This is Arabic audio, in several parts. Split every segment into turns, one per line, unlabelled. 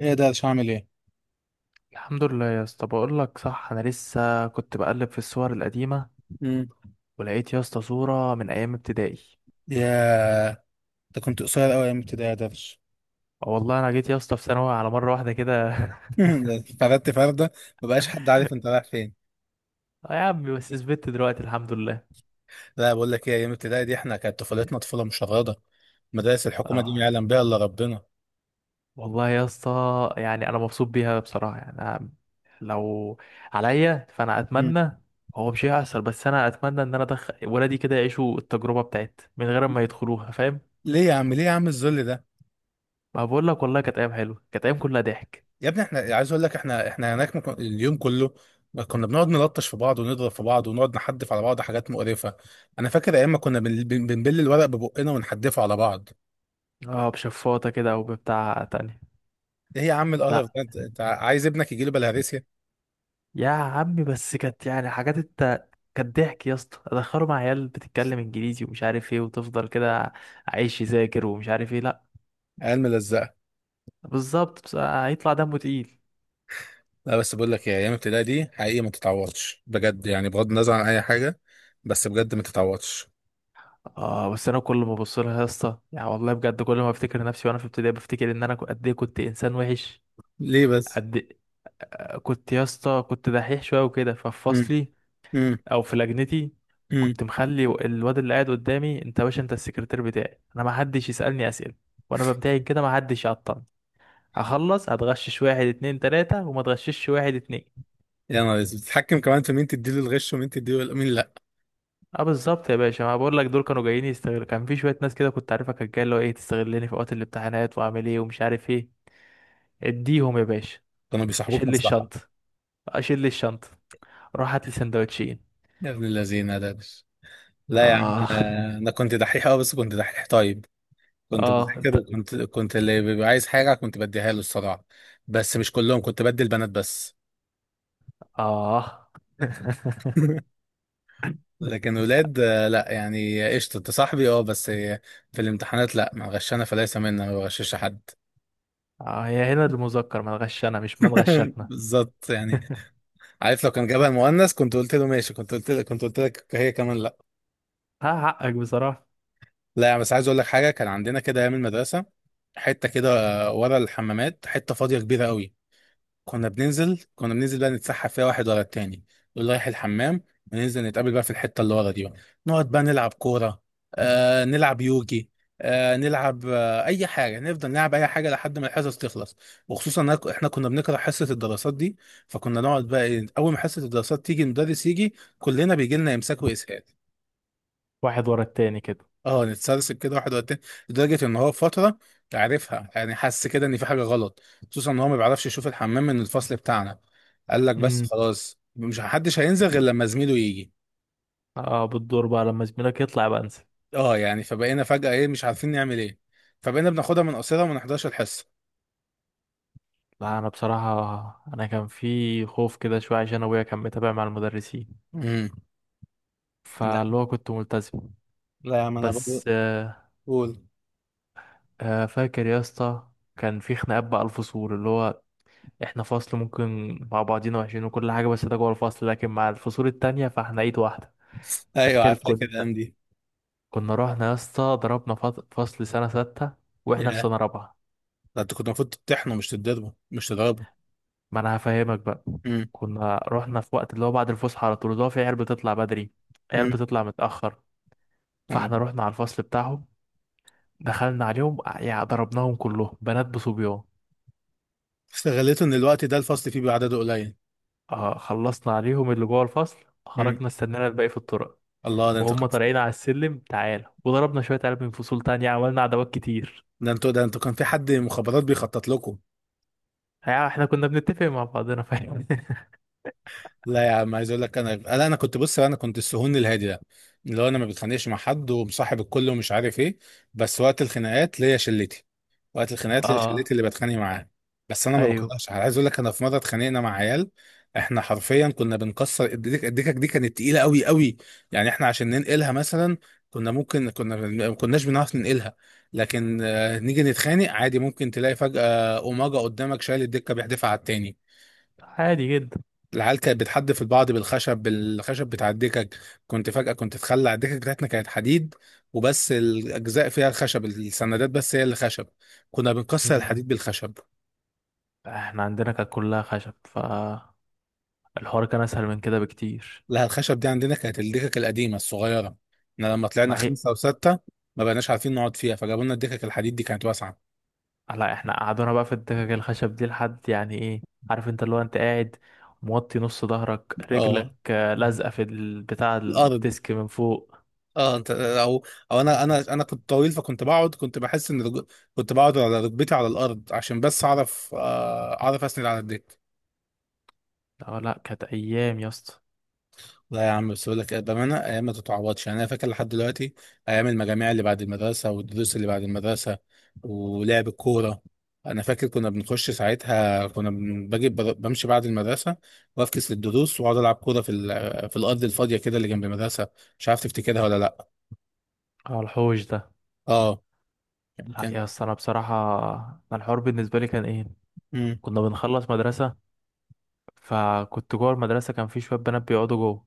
ايه ده، مش هعمل ايه.
الحمد لله يا اسطى، بقول لك صح. انا لسه كنت بقلب في الصور القديمه،
امم
ولقيت يا اسطى صوره من ايام ابتدائي.
يا ده كنت قصير قوي ايام ابتدائي يا درش.
اه والله، انا جيت يا اسطى في ثانوي على مره واحده كده
فردت فرده، مبقاش حد عارف انت رايح فين.
اه يا عمي، بس ثبت دلوقتي الحمد لله.
لا، بقول لك ايه، ايام ابتدائي دي احنا كانت طفولتنا طفوله مشرده. مدارس الحكومه دي ما
اه
يعلم بها الا ربنا.
والله يا اسطى، يعني انا مبسوط بيها بصراحه. يعني أنا لو عليا فانا
امم
اتمنى. هو مش هيحصل، بس انا اتمنى ان انا ادخل ولادي كده يعيشوا التجربه بتاعت من غير ما يدخلوها، فاهم؟
ليه يا عم، ليه يا عم الذل ده.
ما بقول لك والله كانت ايام حلوه، كانت ايام كلها ضحك.
يا ابني احنا، عايز اقول لك، احنا هناك ممكن اليوم كله كنا بنقعد نلطش في بعض، ونضرب في بعض، ونقعد نحدف على بعض حاجات مقرفه. انا فاكر ايام ما كنا بنبل الورق ببقنا ونحدفه على بعض.
اه، بشفاطه كده او بتاع تانية.
ايه يا عم القرف
لا
ده، انت عايز ابنك يجي له.
يا عمي بس كانت يعني حاجات كانت ضحك يا اسطى، ادخله مع عيال بتتكلم انجليزي ومش عارف ايه، وتفضل كده عايش يذاكر ومش عارف ايه. لا
عيال ملزقه.
بالظبط، بس هيطلع دمه تقيل.
لا بس بقول لك ايه، ايام ابتدائي دي حقيقي ما تتعوضش بجد، يعني بغض النظر عن اي حاجه، بس بجد ما تتعوضش.
اه بس انا كل ما ابص لها يا اسطى، يعني والله بجد كل ما افتكر نفسي وانا في ابتدائي بفتكر ان انا قد ايه كنت انسان وحش.
ليه بس.
قد إيه؟ كنت يا اسطى، كنت دحيح شويه وكده. ففي
امم
فصلي
امم
او في لجنتي،
امم
كنت مخلي الواد اللي قاعد قدامي، انت يا باشا انت السكرتير بتاعي. انا ما حدش يسالني اسئله وانا بمتحن كده، ما حدش يعطل. هخلص هتغشش واحد اتنين تلاتة وما تغششش واحد اتنين.
يا نهار اسود، بتتحكم كمان في مين تديله الغش ومين تديله، مين لا.
اه بالظبط يا باشا، ما بقول لك دول كانوا جايين يستغلوا. كان في شوية ناس كده كنت عارفها، كانت جاية اللي هو ايه، تستغلني في وقت الامتحانات، واعمل ايه ومش عارف ايه. اديهم يا باشا.
كانوا بيصاحبوك
شيل لي
مصلحه.
الشنطة، اشيل لي الشنطة، روح هات لي سندوتشين.
يا ابن الذين ده لا يا عم،
اه.
انا كنت دحيح، اه بس كنت دحيح طيب. كنت
اه،
بذاكر،
انت.
وكنت اللي بيبقى عايز حاجه كنت بديها له الصراحه. بس مش كلهم، كنت بدي البنات بس.
اه
لكن ولاد لا يعني قشطة انت صاحبي اه بس. في الامتحانات لا، ما غشنا فليس منا، ما بغشش حد.
اه يا هنا المذكر، ما نغشنا مش ما نغشتنا.
بالظبط يعني. عارف لو كان جابها المؤنث كنت قلت له ماشي، كنت قلت لك هي كمان لا.
ها، حقك بصراحة.
لا يعني بس عايز اقول لك حاجة، كان عندنا كده ايام المدرسة حتة كده، ورا الحمامات حتة فاضية كبيرة قوي. كنا بننزل بقى نتسحب فيها واحد ورا التاني. يقول رايح الحمام، وننزل نتقابل بقى في الحتة اللي ورا دي بقى. نقعد بقى نلعب كورة، آه نلعب يوجي، آه نلعب آه أي حاجة، نفضل نلعب أي حاجة لحد ما الحصص تخلص. وخصوصا إن إحنا كنا بنكره حصة الدراسات دي، فكنا نقعد بقى أول ما حصة الدراسات تيجي، المدرس يجي كلنا بيجي لنا إمساك وإسهال.
واحد ورا التاني كده.
اه نتسلسل كده واحد ورا التاني. لدرجة ان هو في فترة عرفها، يعني حس كده ان في حاجة غلط، خصوصا ان هو ما بيعرفش يشوف الحمام من الفصل بتاعنا. قال لك بس
امم.
خلاص، مش محدش هينزل غير لما زميله يجي.
اه، بالدور بقى لما زميلك يطلع بقى انسى.
اه يعني فبقينا فجأة ايه، مش عارفين نعمل ايه، فبقينا بناخدها من قصيرة وما نحضرش الحصة.
لا انا بصراحه، انا كان في خوف كده شويه عشان ابويا كان متابع مع المدرسين،
امم لا،
فاللي هو كنت ملتزم.
لا يا عم انا برضه.
بس
قول.
فاكر يا اسطى كان في خناقات بقى. الفصول اللي هو، احنا فصل ممكن مع بعضينا وحشين وكل حاجه، بس ده جوه الفصل، لكن مع الفصول التانية فاحنا ايد واحده.
ايوه
فاكر
عارف، فاكر
كنا،
الايام دي.
كنا رحنا يا اسطى ضربنا فصل سنه سته
يا
واحنا في
ده،
سنه رابعه.
انت كنت المفروض تطحنه، مش تضربه.
ما انا هفهمك بقى.
امم
كنا رحنا في وقت اللي هو بعد الفسحه على طول، اللي هو في عيال بتطلع بدري، عيال
امم
بتطلع متاخر. فاحنا رحنا على الفصل بتاعهم، دخلنا عليهم. يعني ضربناهم كلهم، بنات بصبيان.
استغليته ان الوقت ده الفصل فيه بعدده قليل.
آه، خلصنا عليهم اللي جوه الفصل.
امم
خرجنا استنينا الباقي في الطرق،
الله، ده انت.
وهم طالعين على السلم، تعالى وضربنا شوية عيال من فصول تانية، عملنا عداوات كتير.
ده انتوا، ده انتوا كان في حد مخابرات بيخطط لكم.
يعني احنا كنا بنتفق مع بعضنا، فاهم؟
لا يا عم، عايز اقول لك، انا لا، انا كنت بص، انا كنت السهون الهادي ده، اللي هو انا ما بتخانقش مع حد ومصاحب الكل ومش عارف ايه. بس وقت الخناقات ليا شلتي، وقت الخناقات ليا شلتي
اه.
اللي بتخانق معاها. بس انا ما
ايوه،
بكرهش حد. عايز اقول لك، انا في مره اتخانقنا مع عيال. احنا حرفيا كنا بنكسر الدكك دي كانت تقيله قوي قوي. يعني احنا عشان ننقلها مثلا كنا ممكن، كنا ما كناش بنعرف ننقلها، لكن نيجي نتخانق عادي ممكن تلاقي فجأة أوماجا قدامك شايل الدكة بيحدفها على التاني.
عادي جدا.
العيال كانت بتحدف البعض بالخشب، بالخشب بتاع الدكك. كنت فجأة كنت تخلع الدكك بتاعتنا كانت حديد، وبس الأجزاء فيها الخشب، السندات بس هي اللي خشب. كنا بنكسر
مم.
الحديد بالخشب.
احنا عندنا كانت كلها خشب، فالحوار كان اسهل من كده بكتير.
لا الخشب دي عندنا كانت الدكك القديمة الصغيرة. احنا لما طلعنا
ما هي.
خمسة وستة ما بقناش عارفين نقعد فيها، فجابوا لنا الدكك الحديد دي كانت واسعة.
لا، احنا قعدونا بقى في الدكك الخشب دي لحد يعني ايه. عارف انت اللي هو انت قاعد موطي نص ظهرك،
اه
رجلك لازقة في بتاع
الأرض.
الديسك من فوق.
اه انت او او انا، انا كنت طويل، فكنت بقعد، كنت بحس ان كنت بقعد على ركبتي على الأرض عشان بس اعرف اعرف اسند على الدكة.
لا لا، كانت ايام يا اسطى.
لا يا عم، بس بقول لك بامانه ايام ما تتعوضش، يعني انا فاكر لحد دلوقتي ايام المجاميع اللي بعد المدرسه، والدروس اللي بعد المدرسه، ولعب الكوره. انا فاكر كنا بنخش ساعتها، كنا بن- باجي بر- بمشي بعد المدرسه وافكس للدروس، واقعد العب كوره في في الارض الفاضيه كده اللي جنب المدرسه. مش عارف تفتكرها ولا لا.
اه، الحوش ده.
اه
لا
يمكن.
يا اسطى، انا بصراحة انا الحوار بالنسبة لي كان ايه،
مم.
كنا بنخلص مدرسة، فكنت جوه المدرسة كان في شوية بنات بيقعدوا جوه.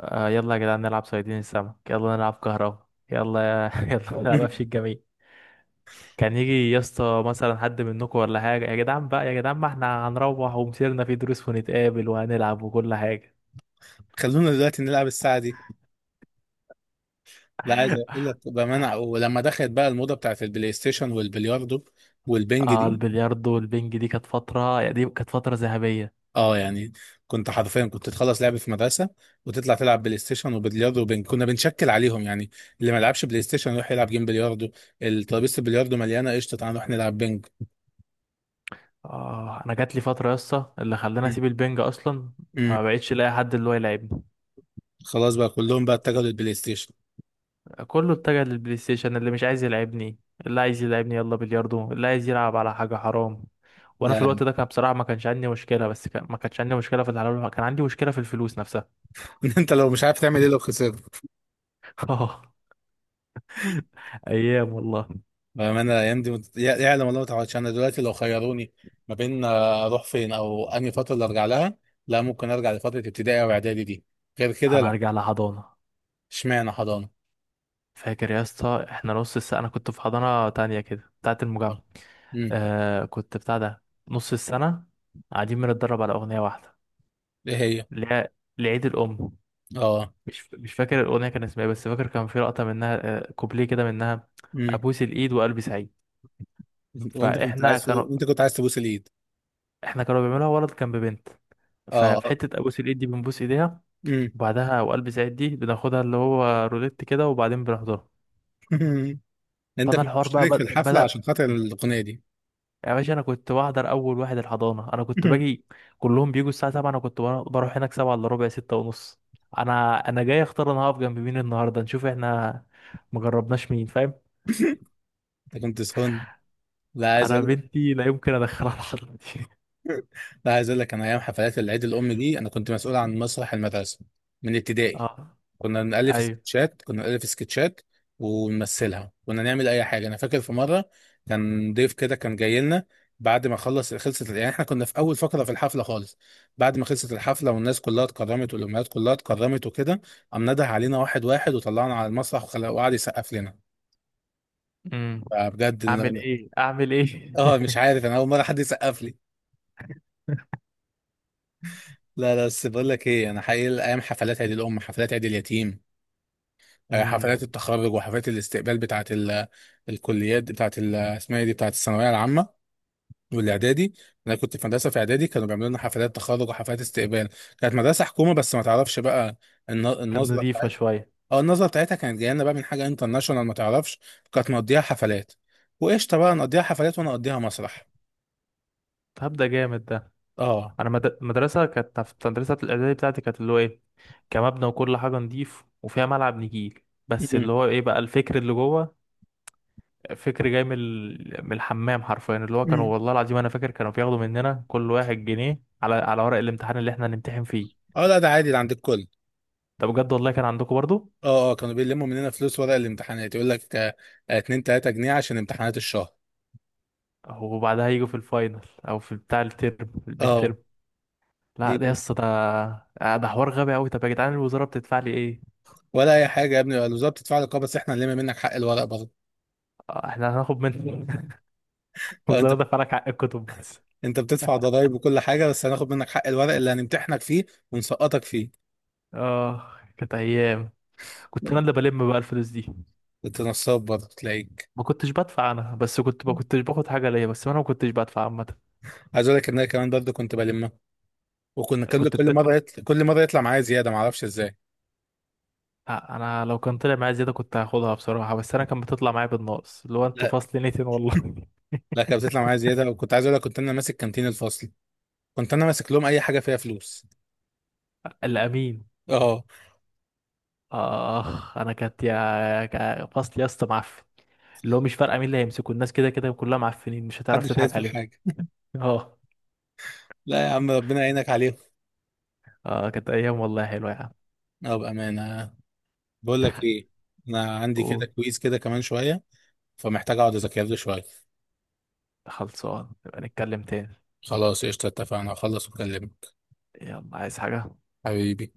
آه، يلا يا جدعان نلعب صيادين السمك، يلا نلعب كهربا، يلا يا يلا نلعب قفش الجميع. كان يجي يا اسطى مثلا حد منكم ولا حاجة، يا جدعان بقى يا جدعان ما احنا هنروح ومسيرنا في دروس ونتقابل وهنلعب وكل حاجة.
خلونا دلوقتي نلعب الساعه دي. لا عايز اقول لك بامانه، ولما دخلت بقى الموضه بتاعت البلاي ستيشن والبلياردو والبنج
اه،
دي.
البلياردو والبنج دي كانت فترة. يعني دي كانت فترة ذهبية.
اه يعني كنت حرفيا كنت تخلص لعب في مدرسه وتطلع تلعب بلاي ستيشن وبلياردو كنا بنشكل عليهم يعني. اللي ما لعبش بلاي ستيشن يروح يلعب جيم بلياردو، الترابيزه البلياردو مليانه قشطه تعالى نروح نلعب بنج.
اه، انا جات لي فترة يا اسطى اللي خلاني اسيب البنج اصلا. ما
امم
بقتش الاقي حد اللي هو يلعبني.
خلاص بقى، كلهم بقى اتجهوا للبلاي ستيشن.
كله اتجه للبلاي ستيشن. اللي مش عايز يلعبني، اللي عايز يلعبني يلا بلياردو، اللي عايز يلعب على حاجة حرام. وانا
لا
في
يعني.
الوقت ده كان بصراحة ما كانش عندي مشكلة، بس كان ما كانش عندي مشكلة في الحلال، كان عندي مشكلة في الفلوس نفسها.
انت لو مش عارف تعمل ايه لو خسرت.
اه، ايام والله.
بامانه الايام دي يعلم الله ما تعوضش. انا دلوقتي لو خيروني ما بين اروح فين او انهي فتره اللي ارجع لها، لا ممكن ارجع لفتره ابتدائي او اعدادي دي، غير كده
انا
لا.
ارجع لحضانه.
اشمعنى حضانه.
فاكر يا اسطى احنا نص السنه انا كنت في حضانه تانية كده بتاعه المجمع.
امم
آه، كنت بتاع ده نص السنه، قاعدين بنتدرب على اغنيه واحده.
ايه هي.
اللي هي لعيد الام.
اه.
مش فاكر الاغنيه كان اسمها ايه، بس فاكر كان في لقطه منها، كوبليه كده منها.
امم
ابوس الايد وقلبي سعيد.
وانت كنت
فاحنا
عايز
كانوا
وانت كنت عايز تبوس الايد.
احنا كانوا بيعملوها ولد كان ببنت. ففي
اه.
حته ابوس الايد دي بنبوس ايديها،
امم
وبعدها وقلبي سعيد دي بناخدها اللي هو روليت كده، وبعدين بنحضرها.
انت
فانا
كنت
الحوار بقى
مشترك في الحفله
بدأ.
عشان خاطر الاغنيه دي.
يا باشا انا كنت بحضر اول واحد الحضانه، انا كنت باجي. كلهم بيجوا الساعه 7، انا كنت بروح هناك 7 الا ربع، 6 ونص. انا جاي اختار انا هقف جنب مين النهارده، نشوف احنا مجربناش مين، فاهم؟
انت كنت سخن. لا عايز
انا
اقول
بنتي لا يمكن ادخلها الحضانه دي
لا عايز اقول لك، انا ايام حفلات العيد الام دي انا كنت مسؤول عن مسرح المدرسه من ابتدائي.
اه.
كنا بنألف
ايوه.
سكتشات كنا بنألف سكتشات ونمثلها، كنا نعمل اي حاجه. انا فاكر في مره كان ضيف كده كان جاي لنا، بعد ما خلصت، يعني احنا كنا في اول فقره في الحفله خالص، بعد ما خلصت الحفله والناس كلها اتكرمت والامهات كلها اتكرمت وكده، قام نده علينا واحد واحد وطلعنا على المسرح وقعد يسقف لنا.
امم.
فبجد
اعمل
إن-
ايه اعمل ايه
اه مش عارف، انا اول مره حد يسقف لي. لا لا بس بقول لك ايه، انا حقيقي ايام حفلات عيد الام، حفلات عيد اليتيم،
امم.
حفلات التخرج وحفلات الاستقبال بتاعت الكليات بتاعت اسمها ايه دي، بتاعت الثانويه العامه والاعدادي. انا كنت في مدرسه، في اعدادي كانوا بيعملوا لنا حفلات تخرج وحفلات استقبال. كانت مدرسه حكومه بس ما تعرفش بقى
كانت
النظره
نضيفه
بتاعتها.
شويه.
اه النظره بتاعتها كانت جايه لنا بقى من حاجه انترناشونال، ما تعرفش. كانت مقضيها حفلات وقشطه، بقى نقضيها حفلات وانا اقضيها مسرح.
هبدا جامد ده.
اه
انا مدرسه، كانت في مدرسه الاعدادي بتاعتي، كانت اللي هو ايه، كمبنى وكل حاجه نضيف وفيها ملعب نجيل. بس
م-
اللي هو ايه بقى الفكر اللي جوه. فكر جاي من الحمام حرفيا. اللي هو
م.
كانوا والله العظيم انا فاكر كانوا بياخدوا مننا كل واحد جنيه على ورق الامتحان اللي احنا هنمتحن فيه.
اه لا ده عادي، ده عند الكل.
ده بجد والله، كان عندكم برضو؟
اه اه كانوا بيلموا مننا فلوس ورق الامتحانات، يقول لك 2 3 جنيه عشان امتحانات الشهر.
وبعدها يجوا في الفاينل، او في بتاع الترم، في الميد
اه
ترم. لا ده يا اسطى ده، ده حوار غبي قوي. طب يا جدعان الوزاره بتدفع لي ايه؟
ولا اي حاجه يا ابني، الوزاره بتدفع لك اه، بس احنا هنلم منك حق الورق برضه.
احنا هناخد من
اه،
الوزاره دفع لك حق الكتب بس.
انت بتدفع ضرايب وكل حاجه بس هناخد منك حق الورق اللي هنمتحنك فيه ونسقطك فيه.
اه، كانت ايام. كنت انا اللي بلم بقى الفلوس دي.
انت نصاب برضه تلاقيك.
ما كنتش بدفع انا، بس كنت ما كنتش باخد حاجه ليا، بس انا ما كنتش بدفع عامه.
عايز اقول لك ان انا كمان برضه كنت بلمها، وكنا كل
كنت
كل مره يطلع، كل مره يطلع معايا زياده ما اعرفش ازاي.
آه، انا لو كان طلع معايا زياده كنت هاخدها بصراحه، بس انا كان بتطلع معايا بالناقص، اللي هو انتوا
لا
فصل نيتين والله.
لا، كانت بتطلع معايا زياده، وكنت عايز اقول لك، كنت انا ماسك كانتين الفصل، كنت انا ماسك لهم اي حاجه فيها فلوس.
الامين.
اه
اخ، انا كانت فصل يا اسطى معفن. اللي هو مش فارقه مين اللي هيمسكوا، الناس كده كده كلها معفنين، مش هتعرف
محدش
تضحك
هيدفع
عليهم.
حاجه.
اه.
لا يا عم، ربنا يعينك عليهم.
اه، كانت ايام والله حلوه يا عم.
اه بامانه. بقول لك ايه، انا عندي كده
قول.
كويز كده كمان شويه فمحتاج اقعد اذاكر له شويه.
خلصان نبقى نتكلم تاني.
خلاص قشطه، اتفقنا اخلص واكلمك.
يلا، عايز حاجه؟
حبيبي.